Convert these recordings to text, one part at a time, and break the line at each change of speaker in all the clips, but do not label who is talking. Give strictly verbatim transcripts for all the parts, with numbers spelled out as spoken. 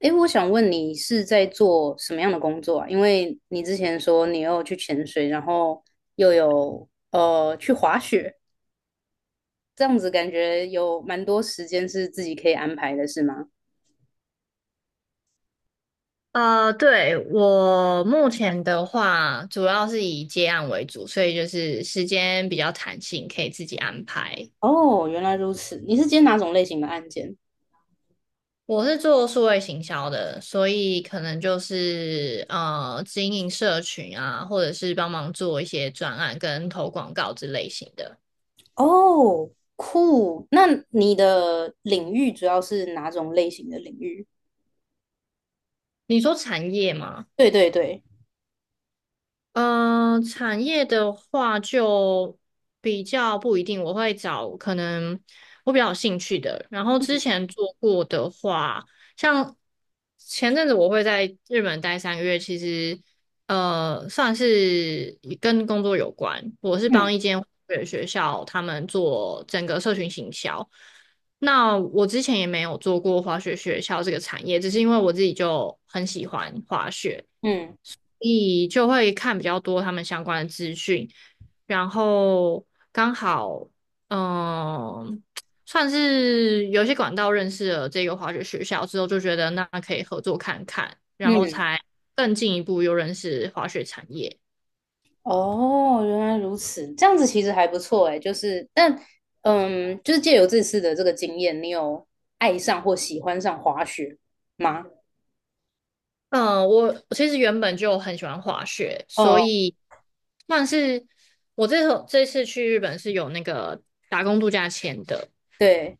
诶，我想问你是在做什么样的工作啊？因为你之前说你又去潜水，然后又有呃去滑雪，这样子感觉有蛮多时间是自己可以安排的，是吗？
呃，对，我目前的话，主要是以接案为主，所以就是时间比较弹性，可以自己安排。
哦，原来如此。你是接哪种类型的案件？
我是做数位行销的，所以可能就是呃经营社群啊，或者是帮忙做一些专案跟投广告之类型的。
哦，酷。那你的领域主要是哪种类型的领域？
你说产业吗？
对对对，
嗯，产业的话就比较不一定，我会找可能我比较有兴趣的。然后之
嗯
前做过的话，像前阵子我会在日本待三个月，其实呃算是跟工作有关。我是帮
嗯
一间学校他们做整个社群行销。那我之前也没有做过滑雪学校这个产业，只是因为我自己就很喜欢滑雪。
嗯
你就会看比较多他们相关的资讯，然后刚好，嗯，算是有些管道认识了这个滑雪学校之后，就觉得那可以合作看看，然后
嗯。
才更进一步又认识滑雪产业。
哦，原来如此，这样子其实还不错诶，就是，但，嗯，就是借由这次的这个经验，你有爱上或喜欢上滑雪吗？
嗯，我我其实原本就很喜欢滑雪，所
哦，
以算是我这次这次去日本是有那个打工度假签的。
对，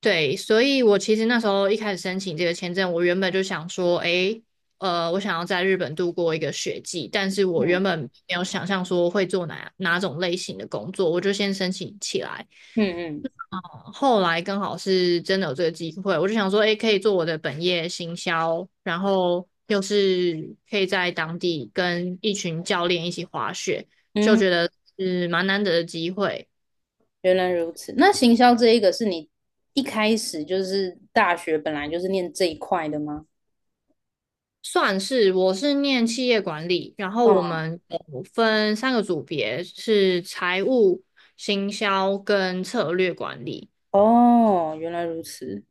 对，所以我其实那时候一开始申请这个签证，我原本就想说，诶，呃，我想要在日本度过一个雪季，但是我原
嗯
本没有想象说会做哪哪种类型的工作，我就先申请起来。
嗯嗯
呃后来刚好是真的有这个机会，我就想说，诶，可以做我的本业行销，然后又是可以在当地跟一群教练一起滑雪，就
嗯，
觉得是蛮难得的机会。
原来如此。那行销这一个是你一开始就是大学本来就是念这一块的吗？
算是，我是念企业管理，然后我
嗯，
们有分三个组别，是财务、行销跟策略管理。
哦，原来如此，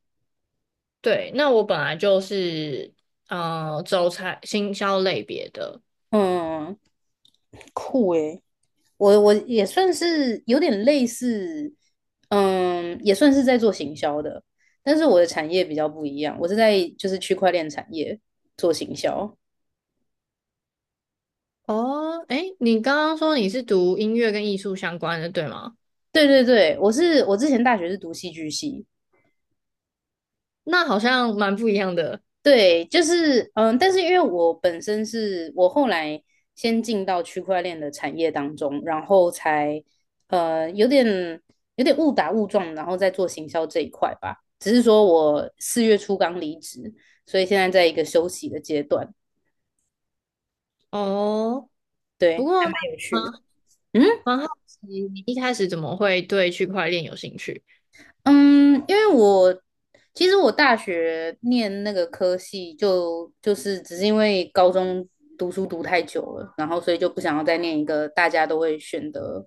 对，那我本来就是呃走财行销类别的。
嗯，酷诶。我我也算是有点类似，嗯，也算是在做行销的，但是我的产业比较不一样，我是在就是区块链产业做行销。
哦，诶，你刚刚说你是读音乐跟艺术相关的，对吗？
对对对，我是我之前大学是读戏剧系，
那好像蛮不一样的
对，就是嗯，但是因为我本身是我后来先进到区块链的产业当中，然后才呃有点有点误打误撞，然后再做行销这一块吧。只是说我四月初刚离职，所以现在在一个休息的阶段，
哦。
对，
不过
还
蛮
蛮有趣的。嗯。
蛮好奇，你一开始怎么会对区块链有兴趣？
嗯，因为我其实我大学念那个科系就，就是只是因为高中读书读太久了，然后所以就不想要再念一个大家都会选的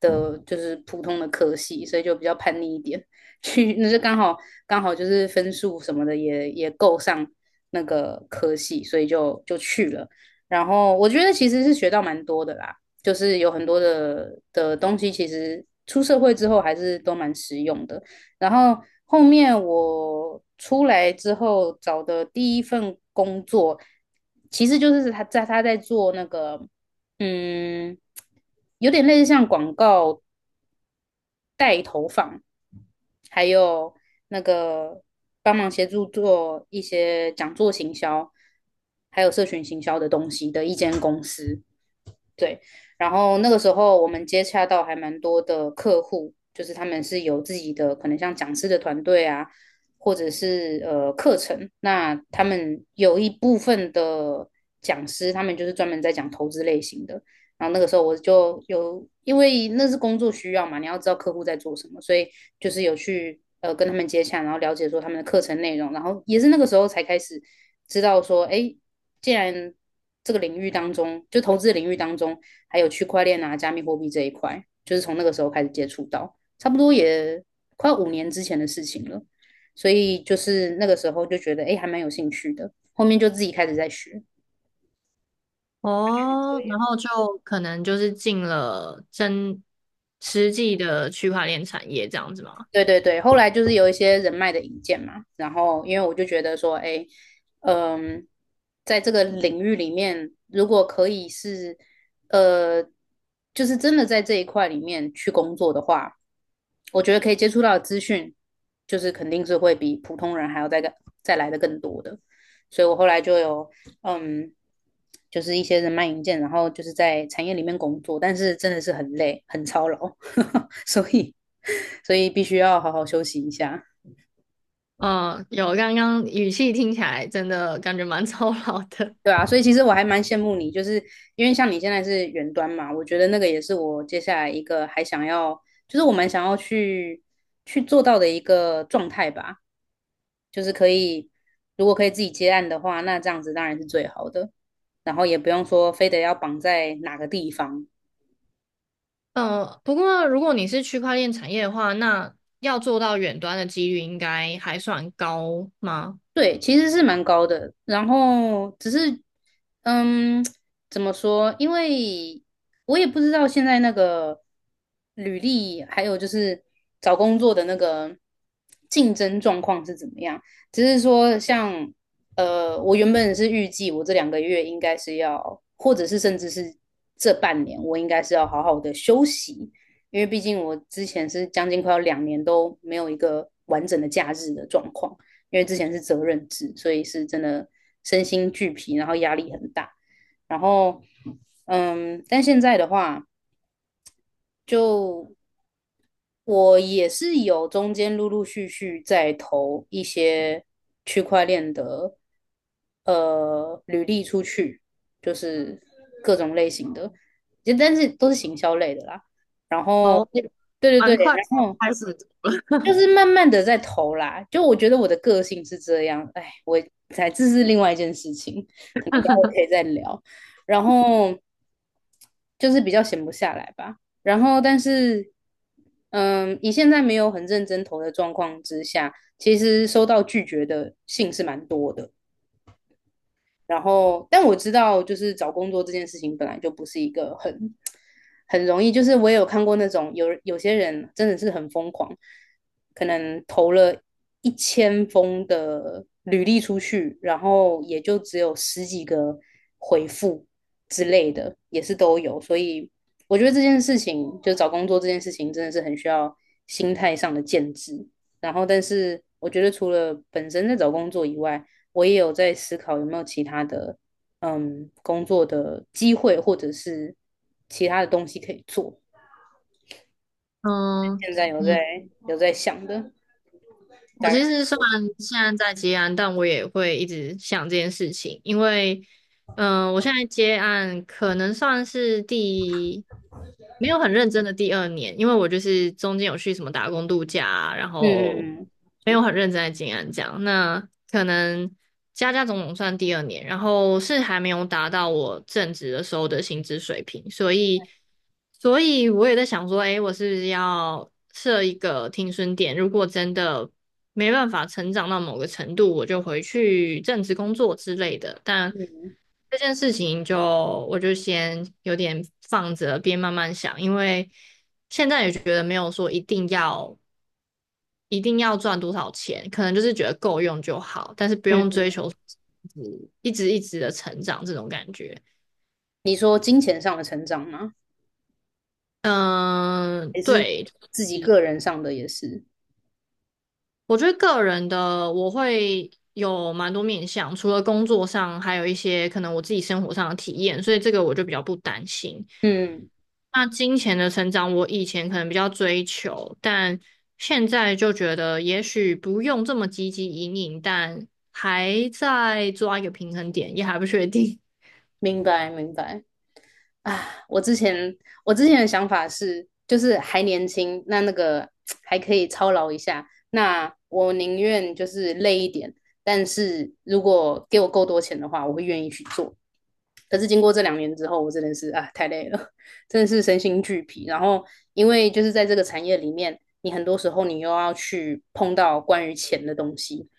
的，就是普通的科系，所以就比较叛逆一点，去那就刚好刚好就是分数什么的也也够上那个科系，所以就就去了。然后我觉得其实是学到蛮多的啦，就是有很多的的东西，其实出社会之后还是都蛮实用的。然后后面我出来之后找的第一份工作，其实就是他在他在做那个，嗯，有点类似像广告，还有那个帮忙协助做一些讲座行销，还有社群行销的东西的一间公司。对，然后那个时候我们接洽到还蛮多的客户，就是他们是有自己的可能像讲师的团队啊，或者是呃课程。那他们有一部分的讲师，他们就是专门在讲投资类型的。然后那个时候我就有，因为那是工作需要嘛，你要知道客户在做什么，所以就是有去呃跟他们接洽，然后了解说他们的课程内容，然后也是那个时候才开始知道说，哎，既然这个领域当中，就投资领域当中，还有区块链啊、加密货币这一块，就是从那个时候开始接触到，差不多也快五年之前的事情了。所以就是那个时候就觉得，哎，还蛮有兴趣的。后面就自己开始在学。
哦，然后就可能就是进了真实际的区块链产业这样子吗？
对对对，后来就是有一些人脉的引荐嘛，然后因为我就觉得说，哎，嗯，在这个领域里面，如果可以是，呃，就是真的在这一块里面去工作的话，我觉得可以接触到的资讯，就是肯定是会比普通人还要再再来的更多的，所以我后来就有，嗯，就是一些人脉引荐，然后就是在产业里面工作，但是真的是很累，很操劳。所以所以必须要好好休息一下。
嗯，有，刚刚语气听起来真的感觉蛮 操劳的。
对啊，所以其实我还蛮羡慕你，就是因为像你现在是远端嘛，我觉得那个也是我接下来一个还想要，就是我蛮想要去去做到的一个状态吧，就是可以，如果可以自己接案的话，那这样子当然是最好的，然后也不用说非得要绑在哪个地方，
嗯，不过如果你是区块链产业的话，那要做到远端的几率应该还算高吗？
对，其实是蛮高的。然后只是，嗯，怎么说？因为我也不知道现在那个履历，还有就是找工作的那个竞争状况是怎么样。只是说像，呃，我原本是预计我这两个月应该是要，或者是甚至是这半年，我应该是要好好的休息，因为毕竟我之前是将近快要两年都没有一个完整的假日的状况。因为之前是责任制，所以是真的身心俱疲，然后压力很大。然后，嗯，但现在的话，就我也是有中间陆陆续续在投一些区块链的呃履历出去，就是各种类型的，就但是都是行销类的啦。然后，
哦，
对对
蛮
对，
快就
然后
开始。
就是慢慢的在投啦。就我觉得我的个性是这样，哎，我才这是另外一件事情，可能待会可以 再聊。然后就是比较闲不下来吧。然后但是，嗯，以现在没有很认真投的状况之下，其实收到拒绝的信是蛮多的。然后，但我知道，就是找工作这件事情本来就不是一个很很容易。就是我也有看过那种有有些人真的是很疯狂，可能投了一千封的履历出去，然后也就只有十几个回复之类的，也是都有。所以我觉得这件事情，就找工作这件事情，真的是很需要心态上的建制。然后，但是我觉得除了本身在找工作以外，我也有在思考有没有其他的嗯工作的机会，或者是其他的东西可以做。
嗯，
现在有在
嗯。
有在想的，
我
大
其
概
实虽然现在在接案，但我也会一直想这件事情，因为，嗯、我现在接案可能算是第没有很认真的第二年，因为我就是中间有去什么打工度假啊然后
嗯
没有很认真在接案这样。那可能加加总总算第二年，然后是还没有达到我正职的时候的薪资水平，所以，所以我也在想说，诶，我是不是要设一个停损点？如果真的没办法成长到某个程度，我就回去正职工作之类的。但
嗯
这件事情就我就先有点放着，边慢慢想，因为现在也觉得没有说一定要一定要赚多少钱，可能就是觉得够用就好，但是不
嗯，
用追求一直一直一直的成长这种感觉。
你说金钱上的成长吗？
嗯，
还是
对，
自己个人上的也是？
我觉得个人的我会有蛮多面向，除了工作上，还有一些可能我自己生活上的体验，所以这个我就比较不担心。
嗯，
那金钱的成长，我以前可能比较追求，但现在就觉得也许不用这么积极引领，但还在抓一个平衡点，也还不确定。
明白明白。啊，我之前我之前的想法是，就是还年轻，那那个还可以操劳一下，那我宁愿就是累一点，但是如果给我够多钱的话，我会愿意去做。可是经过这两年之后，我真的是啊太累了，真的是身心俱疲。然后因为就是在这个产业里面，你很多时候你又要去碰到关于钱的东西，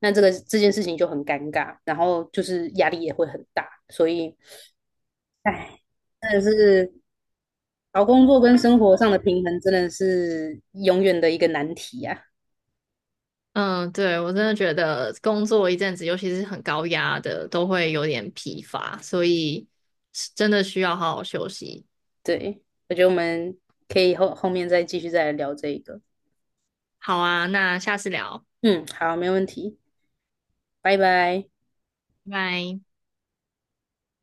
那这个这件事情就很尴尬，然后就是压力也会很大，所以哎，真的是找工作跟生活上的平衡真的是永远的一个难题呀、
嗯，对，我真的觉得工作一阵子，尤其是很高压的，都会有点疲乏，所以是真的需要好好休息。
对，我觉得我们可以后后面再继续再来聊这一个。
好啊，那下次聊，
嗯，好，没问题，拜拜。
拜拜。